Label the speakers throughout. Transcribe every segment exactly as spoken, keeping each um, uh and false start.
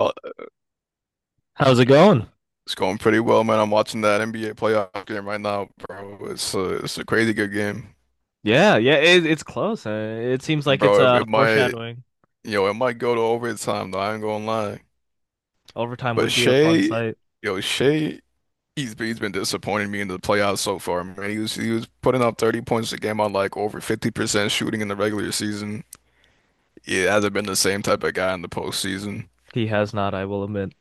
Speaker 1: Oh,
Speaker 2: How's it going?
Speaker 1: it's going pretty well, man. I'm watching that N B A playoff game right now, bro. It's a, it's a crazy good game,
Speaker 2: Yeah, yeah, it, it's close. Uh, It seems like it's
Speaker 1: bro. It,
Speaker 2: uh
Speaker 1: it might,
Speaker 2: foreshadowing.
Speaker 1: you know, it might go to overtime though. I ain't gonna lie.
Speaker 2: Overtime
Speaker 1: But
Speaker 2: would be a fun
Speaker 1: Shea,
Speaker 2: sight.
Speaker 1: yo, Shea, he's he's been disappointing me in the playoffs so far, man. He was he was putting up thirty points a game on like over fifty percent shooting in the regular season. He hasn't been the same type of guy in the postseason.
Speaker 2: He has not, I will admit.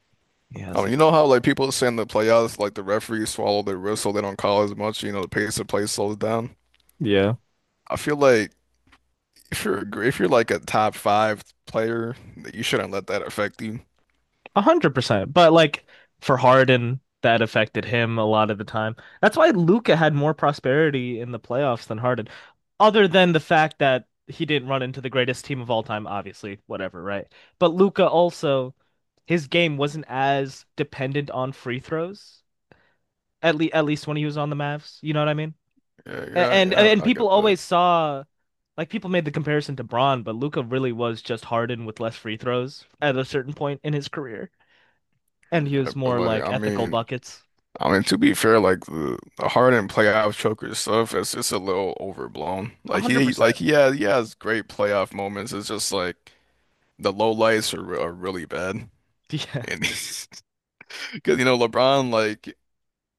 Speaker 2: He
Speaker 1: I
Speaker 2: has
Speaker 1: mean,
Speaker 2: not.
Speaker 1: you know how like people say in the playoffs, like the referees swallow their whistle, they don't call as much, you know, the pace of play slows down.
Speaker 2: Yeah,
Speaker 1: I feel like. If you're a gr- if you're like a top five player, you shouldn't let that affect you.
Speaker 2: a hundred percent. But like for Harden, that affected him a lot of the time. That's why Luca had more prosperity in the playoffs than Harden, other than the fact that he didn't run into the greatest team of all time, obviously, whatever, right? But Luca also, his game wasn't as dependent on free throws, at le at least when he was on the Mavs. You know what I mean?
Speaker 1: Yeah, yeah,
Speaker 2: And
Speaker 1: yeah.
Speaker 2: and
Speaker 1: I
Speaker 2: people
Speaker 1: get that.
Speaker 2: always saw like people made the comparison to Braun, but Luca really was just Harden with less free throws at a certain point in his career, and he
Speaker 1: Yeah,
Speaker 2: was
Speaker 1: but
Speaker 2: more
Speaker 1: like,
Speaker 2: like
Speaker 1: I
Speaker 2: ethical
Speaker 1: mean,
Speaker 2: buckets.
Speaker 1: I mean to be fair, like the the Harden playoff choker stuff is just a little overblown.
Speaker 2: A
Speaker 1: Like
Speaker 2: hundred
Speaker 1: he, like
Speaker 2: percent.
Speaker 1: he has he has great playoff moments. It's just like the low lights are re- are really bad,
Speaker 2: Yeah,
Speaker 1: and because you know LeBron, like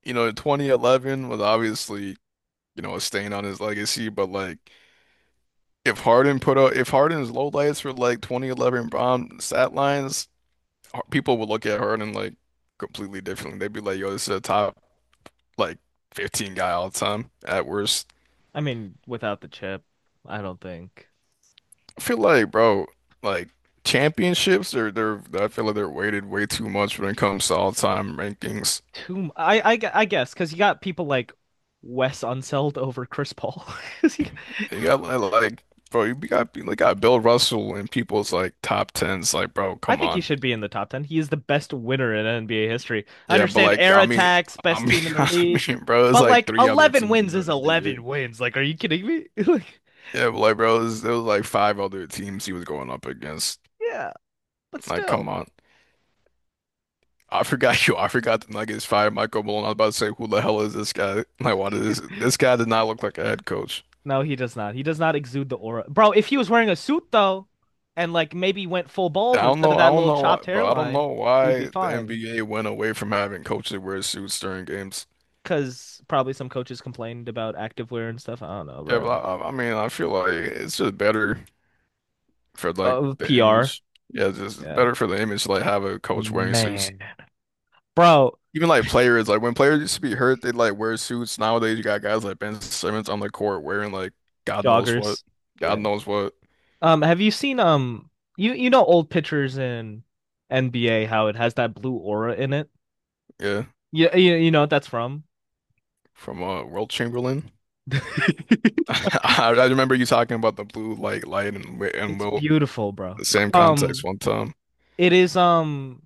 Speaker 1: you know, in twenty eleven was obviously you know a stain on his legacy, but like. If Harden put up, if Harden's low lights for like twenty eleven bomb stat lines, Har- people would look at Harden like completely differently. They'd be like, "Yo, this is a top like fifteen guy all the time at worst."
Speaker 2: I mean, without the chip, I don't think
Speaker 1: I feel like, bro, like championships are they're I feel like they're weighted way too much when it comes to all time rankings.
Speaker 2: too. m- I I gu- I guess because you got people like Wes Unseld over Chris Paul. you-
Speaker 1: You got like, like, bro, you got you got Bill Russell in people's like top tens. Like, bro,
Speaker 2: I
Speaker 1: come
Speaker 2: think he
Speaker 1: on.
Speaker 2: should be in the top ten. He is the best winner in N B A history. I
Speaker 1: Yeah, but
Speaker 2: understand
Speaker 1: like,
Speaker 2: air
Speaker 1: I mean,
Speaker 2: attacks,
Speaker 1: I
Speaker 2: best
Speaker 1: mean,
Speaker 2: team in the
Speaker 1: I
Speaker 2: league,
Speaker 1: mean, bro, it's
Speaker 2: but
Speaker 1: like
Speaker 2: like
Speaker 1: three other
Speaker 2: eleven
Speaker 1: teams in
Speaker 2: wins
Speaker 1: the
Speaker 2: is
Speaker 1: N B A.
Speaker 2: eleven wins. Like, are you kidding me? Like,
Speaker 1: Yeah, but like bro, it was, it was like five other teams he was going up against.
Speaker 2: yeah, but
Speaker 1: Like,
Speaker 2: still.
Speaker 1: come on. I forgot you. I forgot the Nuggets fired Michael Malone. I was about to say, who the hell is this guy? Like, why does this this guy did not look like a head coach?
Speaker 2: No, he does not. He does not exude the aura. Bro, if he was wearing a suit though, and like maybe went full
Speaker 1: I
Speaker 2: bald
Speaker 1: don't
Speaker 2: instead of
Speaker 1: know. I
Speaker 2: that
Speaker 1: don't
Speaker 2: little
Speaker 1: know why,
Speaker 2: chopped
Speaker 1: bro. I don't
Speaker 2: hairline,
Speaker 1: know
Speaker 2: he would be
Speaker 1: why the
Speaker 2: fine.
Speaker 1: N B A went away from having coaches wear suits during games.
Speaker 2: Because probably some coaches complained about activewear and stuff. I don't know,
Speaker 1: Yeah, but
Speaker 2: bro.
Speaker 1: I, I I mean, I feel like it's just better for like
Speaker 2: Uh,
Speaker 1: the
Speaker 2: P R.
Speaker 1: image. Yeah, it's just
Speaker 2: Yeah.
Speaker 1: better for the image to like have a coach wearing suits.
Speaker 2: Man. Bro,
Speaker 1: Even like players, like when players used to be hurt, they'd like wear suits. Nowadays, you got guys like Ben Simmons on the court wearing like God knows what,
Speaker 2: joggers.
Speaker 1: God
Speaker 2: Yeah.
Speaker 1: knows what.
Speaker 2: Um, have you seen um you you know old pictures in N B A how it has that blue aura in it?
Speaker 1: Yeah,
Speaker 2: Yeah, you, you know what that's from?
Speaker 1: from uh Wilt Chamberlain. I, I remember you talking about the blue like light and Wi- and
Speaker 2: It's
Speaker 1: Wilt
Speaker 2: beautiful, bro.
Speaker 1: the same context
Speaker 2: Um,
Speaker 1: one time.
Speaker 2: it is um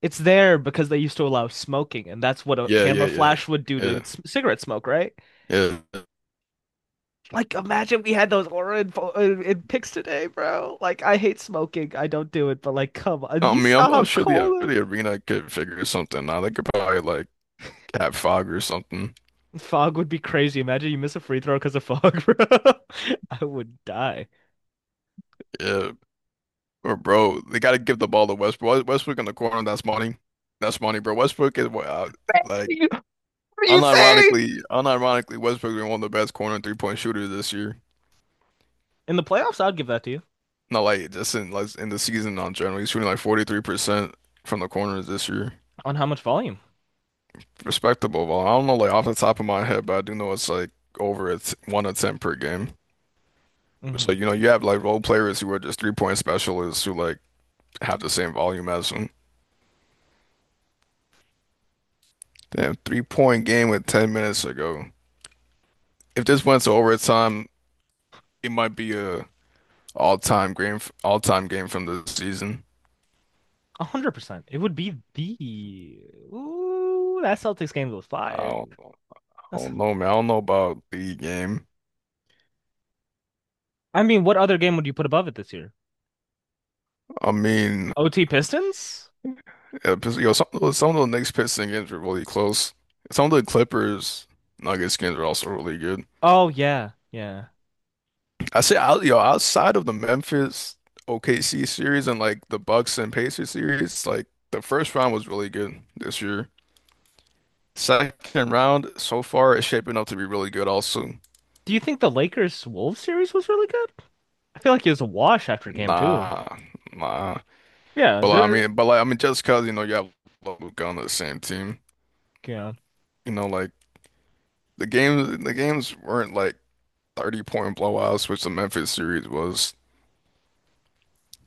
Speaker 2: it's there because they used to allow smoking and that's what a
Speaker 1: Yeah,
Speaker 2: camera
Speaker 1: yeah,
Speaker 2: flash would do to
Speaker 1: yeah,
Speaker 2: c- cigarette smoke, right?
Speaker 1: yeah, yeah.
Speaker 2: Like imagine we had those aura in, pho- in, in pics today, bro. Like I hate smoking. I don't do it, but like come on.
Speaker 1: I
Speaker 2: You
Speaker 1: mean, I'm,
Speaker 2: saw how
Speaker 1: I'm sure the
Speaker 2: cold.
Speaker 1: the arena could figure something out. They could probably like have fog or something.
Speaker 2: Fog would be crazy. Imagine you miss a free throw because of fog, bro. I would die.
Speaker 1: Yeah. Or bro, they got to give the ball to Westbrook. Westbrook in the corner, that's money. That's money, bro. Westbrook is uh, like
Speaker 2: What are you saying?
Speaker 1: unironically, unironically, Westbrook is one of the best corner and three-point shooters this year.
Speaker 2: In the playoffs, I'd give that to you
Speaker 1: Not like just in like in the season on general. He's shooting like forty-three percent from the corners this year.
Speaker 2: on how much volume.
Speaker 1: Respectable. Well, I don't know like off the top of my head, but I do know it's like over it's one attempt per game.
Speaker 2: Mm-hmm.
Speaker 1: So you know you have like role players who are just three-point specialists who like have the same volume as him. Damn, three-point game with ten minutes ago. If this went to overtime, it might be a all-time game, all-time game from the season.
Speaker 2: one hundred percent. It would be the. Ooh, that Celtics game was
Speaker 1: I
Speaker 2: fire.
Speaker 1: don't, I
Speaker 2: That's.
Speaker 1: don't know, man. I don't know about the game.
Speaker 2: I mean, what other game would you put above it this year?
Speaker 1: I mean,
Speaker 2: O T Pistons?
Speaker 1: uh, Pist- yo, some of the, some of the Knicks Pistons games were really close. Some of the Clippers Nuggets games are also really good.
Speaker 2: Oh, yeah. Yeah.
Speaker 1: I say, out, yo, outside of the Memphis O K C series and like the Bucks and Pacers series, like the first round was really good this year. Second round so far is shaping up to be really good also.
Speaker 2: Do you think the Lakers Wolves series was really good? I feel like it was a wash after game two.
Speaker 1: Nah, nah.
Speaker 2: Yeah.
Speaker 1: But like, I
Speaker 2: they're-
Speaker 1: mean, but like, I mean, just cause you know you have Luka on the same team,
Speaker 2: Yeah.
Speaker 1: you know, like the games, the games weren't like thirty point blowouts, which the Memphis series was.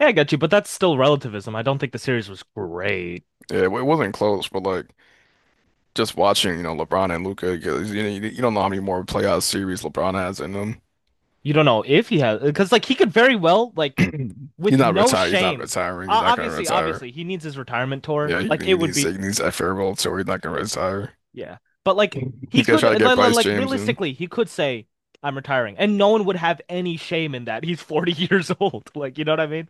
Speaker 2: Yeah, I got you, but that's still relativism. I don't think the series was great.
Speaker 1: Yeah, it wasn't close, but like just watching, you know, LeBron and Luka, because you know, you you don't know how many more playoff series LeBron has in him.
Speaker 2: You don't know if he has, because like he could very well like
Speaker 1: He's
Speaker 2: with
Speaker 1: not
Speaker 2: no
Speaker 1: retired. He's not
Speaker 2: shame.
Speaker 1: retiring. He's
Speaker 2: Uh,
Speaker 1: not gonna
Speaker 2: obviously,
Speaker 1: retire.
Speaker 2: obviously he needs his retirement tour.
Speaker 1: Yeah, he,
Speaker 2: Like it
Speaker 1: he
Speaker 2: would
Speaker 1: needs
Speaker 2: be,
Speaker 1: he needs that farewell tour. He's not gonna retire.
Speaker 2: yeah. But like he
Speaker 1: He's gonna
Speaker 2: could
Speaker 1: try to get
Speaker 2: like,
Speaker 1: Bryce
Speaker 2: like
Speaker 1: James in.
Speaker 2: realistically he could say I'm retiring, and no one would have any shame in that. He's forty years old. Like you know what I mean?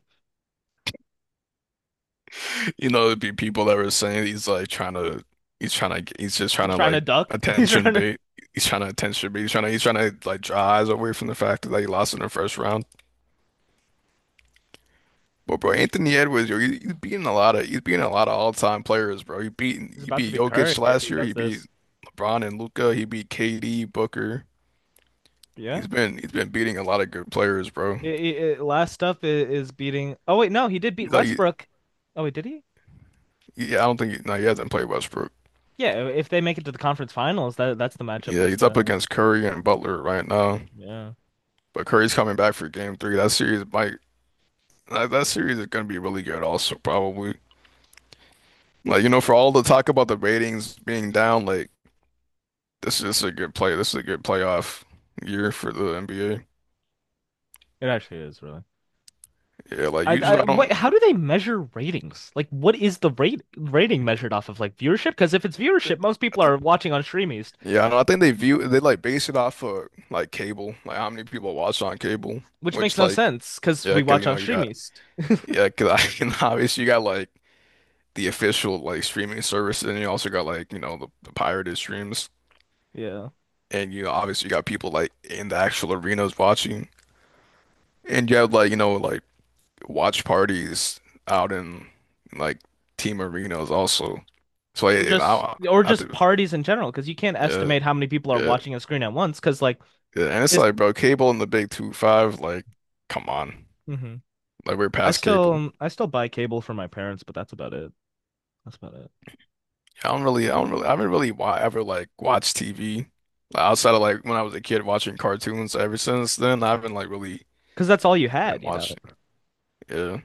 Speaker 1: You know, there'd be people that were saying he's like trying to, he's trying to, he's just trying
Speaker 2: He's
Speaker 1: to
Speaker 2: trying
Speaker 1: like
Speaker 2: to duck. He's
Speaker 1: attention
Speaker 2: trying to.
Speaker 1: bait. He's trying to attention bait. He's trying to, he's trying to like draw eyes away from the fact that he lost in the first round. But bro, Anthony Edwards, yo, he, he's beating a lot of, he's beating a lot of all-time players, bro. He beat,
Speaker 2: He's
Speaker 1: he
Speaker 2: about to
Speaker 1: beat
Speaker 2: be
Speaker 1: Jokic
Speaker 2: Curry if
Speaker 1: last
Speaker 2: he
Speaker 1: year.
Speaker 2: does
Speaker 1: He beat
Speaker 2: this.
Speaker 1: LeBron and Luca. He beat K D, Booker.
Speaker 2: Yeah.
Speaker 1: He's been, he's been beating a lot of good players, bro.
Speaker 2: It, it- it- last up i- is beating. Oh wait, no, he did beat
Speaker 1: He's like, he,
Speaker 2: Westbrook. Oh wait, did he?
Speaker 1: he- I don't think, he, no, he hasn't played Westbrook.
Speaker 2: Yeah. If they make it to the conference finals, that that's the matchup
Speaker 1: Yeah,
Speaker 2: that's
Speaker 1: he's up
Speaker 2: gonna.
Speaker 1: against Curry and Butler right now.
Speaker 2: Yeah.
Speaker 1: But Curry's coming back for game three. That series might. That, that series is gonna be really good also probably. Like, you know, for all the talk about the ratings being down, like this is a good play. This is a good playoff year for the N B A.
Speaker 2: It actually is really.
Speaker 1: Yeah, like
Speaker 2: I,
Speaker 1: usually
Speaker 2: I
Speaker 1: I
Speaker 2: wait,
Speaker 1: don't
Speaker 2: how do they measure ratings? Like, what is the rate rating measured off of like viewership? Because if it's viewership, most people are watching on Streameast,
Speaker 1: yeah, I do I think they view they like base it off of like cable, like how many people watch on cable,
Speaker 2: which makes
Speaker 1: which
Speaker 2: no
Speaker 1: like
Speaker 2: sense because
Speaker 1: yeah,
Speaker 2: we
Speaker 1: 'cause you
Speaker 2: watch on
Speaker 1: know you got
Speaker 2: Streameast.
Speaker 1: yeah, 'cause I and obviously you got like the official like streaming service and you also got like, you know, the, the pirated streams
Speaker 2: Yeah.
Speaker 1: and you know obviously you got people like in the actual arenas watching. And you have like, you know, like watch parties out in like team arenas also. So
Speaker 2: Or
Speaker 1: like, I,
Speaker 2: just
Speaker 1: I,
Speaker 2: or
Speaker 1: have
Speaker 2: just parties in general, because you can't
Speaker 1: yeah,
Speaker 2: estimate how many people are
Speaker 1: yeah,
Speaker 2: watching a screen at once. Because like
Speaker 1: yeah. And it's
Speaker 2: it's.
Speaker 1: like, bro, cable and the Big Two Five, like, come on,
Speaker 2: hmm
Speaker 1: like we're
Speaker 2: I
Speaker 1: past cable.
Speaker 2: still I still buy cable from my parents, but that's about it. That's about it.
Speaker 1: I don't really, I don't really, I haven't really wa ever like watched T V. Like, outside of like when I was a kid watching cartoons. Ever since then, I haven't like really
Speaker 2: Because that's all you
Speaker 1: been
Speaker 2: had, you know.
Speaker 1: watching. Yeah,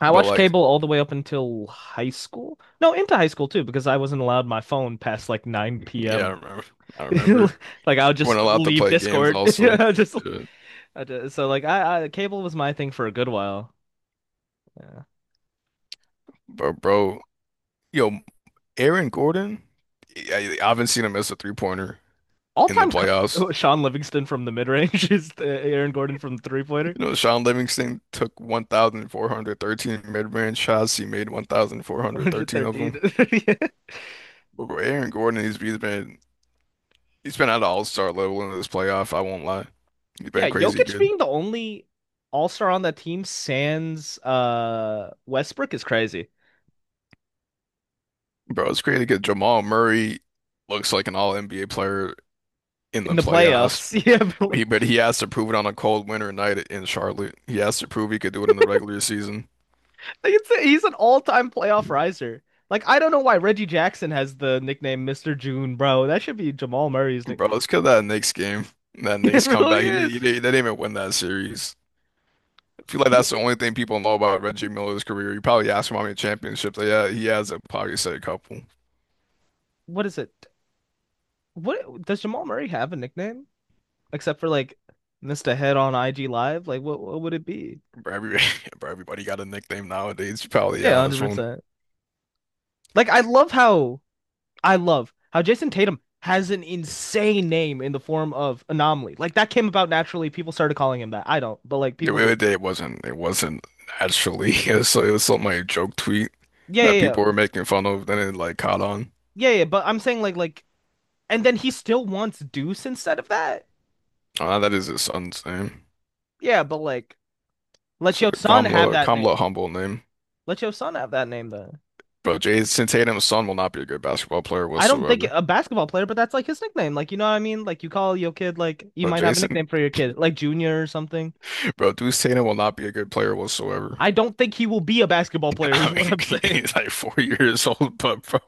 Speaker 2: I
Speaker 1: but
Speaker 2: watched
Speaker 1: like,
Speaker 2: cable all the way up until high school. No, into high school too, because I wasn't allowed my phone past like 9
Speaker 1: yeah, I
Speaker 2: p.m.
Speaker 1: remember. I remember
Speaker 2: Like I would
Speaker 1: weren't
Speaker 2: just
Speaker 1: allowed to
Speaker 2: leave
Speaker 1: play games
Speaker 2: Discord.
Speaker 1: also.
Speaker 2: I Just,
Speaker 1: Yeah.
Speaker 2: I just so like I, I cable was my thing for a good while. Yeah.
Speaker 1: But bro, yo. Aaron Gordon, I, I haven't seen him miss a three pointer in the
Speaker 2: All-time co.
Speaker 1: playoffs.
Speaker 2: Sean Livingston from the mid-range is uh, Aaron Gordon from the three-pointer.
Speaker 1: You know, Sean Livingston took one thousand four hundred thirteen mid-range shots. He made one thousand four hundred thirteen of
Speaker 2: one thirteen.
Speaker 1: them. But bro, Aaron Gordon, he's, he's been he's been at an all-star level in this playoff. I won't lie, he's
Speaker 2: Yeah,
Speaker 1: been
Speaker 2: yeah,
Speaker 1: crazy
Speaker 2: Jokic
Speaker 1: good.
Speaker 2: being the only all-star on that team sans uh Westbrook is crazy.
Speaker 1: Bro, it's crazy because Jamal Murray looks like an all-N B A player in
Speaker 2: In
Speaker 1: the
Speaker 2: the
Speaker 1: playoffs.
Speaker 2: playoffs. Yeah,
Speaker 1: But
Speaker 2: but
Speaker 1: he, but he has to prove it on a cold winter night in Charlotte. He has to prove he could do it in the regular season.
Speaker 2: like, It's a, he's an all-time playoff riser. Like I don't know why Reggie Jackson has the nickname Mister June, bro. That should be Jamal Murray's nick.
Speaker 1: Bro, let's kill that Knicks game. That
Speaker 2: It
Speaker 1: Knicks
Speaker 2: really
Speaker 1: comeback. He, didn't- he,
Speaker 2: is.
Speaker 1: didn't- They didn't even win that series. I feel like
Speaker 2: He-
Speaker 1: that's the only thing people know about Reggie Miller's career. You probably ask him how many championships they had. He has a probably said a couple.
Speaker 2: What is it? What does Jamal Murray have a nickname except for like Mister Head on I G Live? Like what what would it be?
Speaker 1: Bro, every, bro, everybody got a nickname nowadays. You probably
Speaker 2: Yeah,
Speaker 1: ask one.
Speaker 2: one hundred percent. Like I love how I love how Jason Tatum has an insane name in the form of Anomaly. Like that came about naturally. People started calling him that. I don't, but like
Speaker 1: The
Speaker 2: people do.
Speaker 1: other day it wasn't. It wasn't actually. It was, so- it was something like a joke tweet
Speaker 2: Yeah,
Speaker 1: that
Speaker 2: yeah,
Speaker 1: people
Speaker 2: yeah.
Speaker 1: were making fun of. Then it like caught on.
Speaker 2: Yeah, yeah, but I'm saying like like and then he still wants Deuce instead of that.
Speaker 1: Ah, that is his son's name.
Speaker 2: Yeah, but like, let
Speaker 1: So
Speaker 2: your son have
Speaker 1: Kamla,
Speaker 2: that
Speaker 1: Kamla
Speaker 2: name.
Speaker 1: Humble name.
Speaker 2: Let your son have that name then.
Speaker 1: Bro, Jason Tatum's son will not be a good basketball player
Speaker 2: I don't think
Speaker 1: whatsoever.
Speaker 2: a basketball player, but that's like his nickname. Like, you know what I mean? Like, you call your kid, like, you
Speaker 1: But
Speaker 2: might have a
Speaker 1: Jason
Speaker 2: nickname for your kid, like Junior or something.
Speaker 1: Bro, Duke Tatum will not be a good player whatsoever.
Speaker 2: I don't think he will be a basketball player, is
Speaker 1: I
Speaker 2: what I'm
Speaker 1: mean,
Speaker 2: saying.
Speaker 1: he's like four years old, but bro,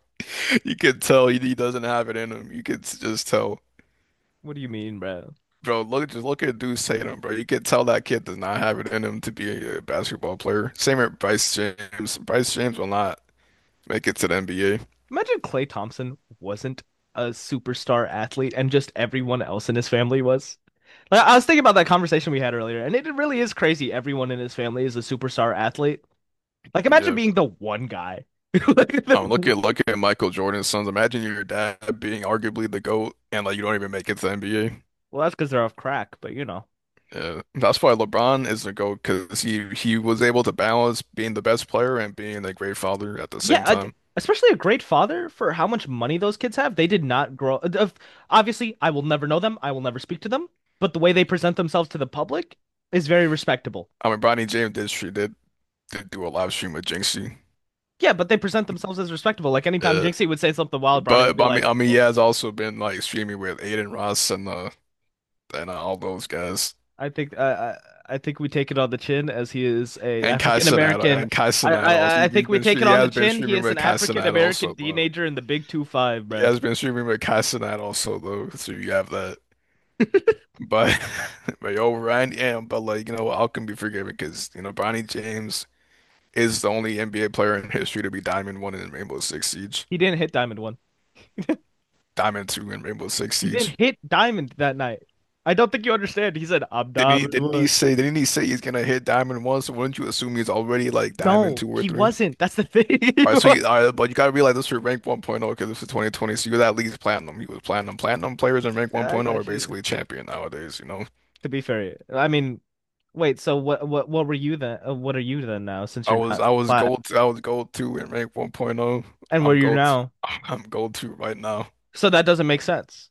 Speaker 1: you could tell he, he doesn't have it in him. You could just tell,
Speaker 2: what do you mean, bro?
Speaker 1: bro. Look, just look at Duke Tatum, bro. You could tell that kid does not have it in him to be a basketball player. Same with Bryce James. Bryce James will not make it to the N B A.
Speaker 2: Imagine Clay Thompson wasn't a superstar athlete and just everyone else in his family was. Like, I was thinking about that conversation we had earlier, and it really is crazy. Everyone in his family is a superstar athlete. Like, imagine
Speaker 1: Yeah.
Speaker 2: being the one guy. Like,
Speaker 1: Um, look
Speaker 2: the-
Speaker 1: at look at Michael Jordan's sons. Imagine your dad being arguably the GOAT, and like you don't even make it to the N B A.
Speaker 2: Well, that's because they're off crack, but you know.
Speaker 1: Yeah, that's why LeBron is the GOAT because he he was able to balance being the best player and being a great father at the
Speaker 2: yeah,
Speaker 1: same
Speaker 2: I-
Speaker 1: time.
Speaker 2: Especially a great father for how much money those kids have. They did not grow. uh, Obviously, I will never know them. I will never speak to them. But the way they present themselves to the public is very respectable.
Speaker 1: I mean, Bronny James did she did did do a live stream with Jinxie,
Speaker 2: Yeah, but they present themselves as respectable. Like anytime
Speaker 1: uh,
Speaker 2: Jinxie would say something wild, Brownie would
Speaker 1: but
Speaker 2: be
Speaker 1: but I mean
Speaker 2: like,
Speaker 1: I mean he has
Speaker 2: "Okay,
Speaker 1: also been like streaming with Aiden Ross and uh and uh, all those guys
Speaker 2: I think uh, I I think we take it on the chin as he is a
Speaker 1: and Kai
Speaker 2: African
Speaker 1: Cenat
Speaker 2: American."
Speaker 1: and Kai
Speaker 2: I,
Speaker 1: Cenat also
Speaker 2: I I
Speaker 1: he's he's
Speaker 2: think we
Speaker 1: been stre-
Speaker 2: take it
Speaker 1: he
Speaker 2: on the
Speaker 1: has been
Speaker 2: chin. He
Speaker 1: streaming
Speaker 2: is an
Speaker 1: with Kai
Speaker 2: African
Speaker 1: Cenat
Speaker 2: American
Speaker 1: also though
Speaker 2: teenager in the Big Two Five,
Speaker 1: he
Speaker 2: bro.
Speaker 1: has been streaming with Kai Cenat also though so you have that. But but yo, Ryan, yeah, but like, you know, I can be forgiven because, you know, Bronny James is the only N B A player in history to be Diamond One in Rainbow Six Siege.
Speaker 2: He didn't hit Diamond one.
Speaker 1: Diamond Two in Rainbow Six
Speaker 2: He didn't
Speaker 1: Siege.
Speaker 2: hit Diamond that night. I don't think you understand. He said, I'm
Speaker 1: Didn't he
Speaker 2: Diamond
Speaker 1: didn't he
Speaker 2: one.
Speaker 1: say didn't he say he's gonna hit Diamond One, so wouldn't you assume he's already like Diamond
Speaker 2: No,
Speaker 1: Two or
Speaker 2: he
Speaker 1: Three?
Speaker 2: wasn't. That's the thing. He
Speaker 1: All right, so
Speaker 2: was.
Speaker 1: you all right, but you gotta realize this for rank 1.0 because this is twenty twenty, so you're at least platinum. He was platinum. Platinum players in rank
Speaker 2: I
Speaker 1: 1.0 are
Speaker 2: got you.
Speaker 1: basically champion nowadays, you know?
Speaker 2: To be fair, I mean, wait, so what what what were you then? uh, What are you then now since
Speaker 1: I
Speaker 2: you're
Speaker 1: was
Speaker 2: not
Speaker 1: I was
Speaker 2: flat
Speaker 1: gold I was gold two in rank 1.0.
Speaker 2: and where
Speaker 1: I'm
Speaker 2: you
Speaker 1: gold
Speaker 2: now?
Speaker 1: I'm gold two right now.
Speaker 2: So that doesn't make sense.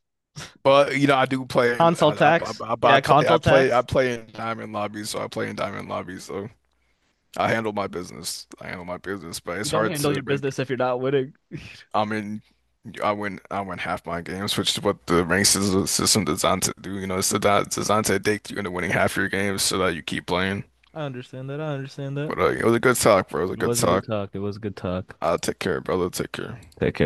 Speaker 1: But you know I do play in
Speaker 2: Console
Speaker 1: I I, I,
Speaker 2: tax.
Speaker 1: I I
Speaker 2: Yeah,
Speaker 1: play I
Speaker 2: console
Speaker 1: play I
Speaker 2: tax.
Speaker 1: play in diamond lobbies, so I play in diamond lobbies so I handle my business I handle my business, but
Speaker 2: You
Speaker 1: it's
Speaker 2: don't
Speaker 1: hard
Speaker 2: handle your
Speaker 1: to rank.
Speaker 2: business if you're not winning.
Speaker 1: I mean I win I win half my games, which is what the rank sys- system designed to do, you know? it's designed, it's designed to addict you into winning half your games so that you keep playing.
Speaker 2: I understand that. I understand that.
Speaker 1: But uh, it was a good talk, bro, it was a
Speaker 2: It
Speaker 1: good
Speaker 2: was a good
Speaker 1: talk
Speaker 2: talk. It was a good talk.
Speaker 1: I'll take care, brother, take care.
Speaker 2: Take care.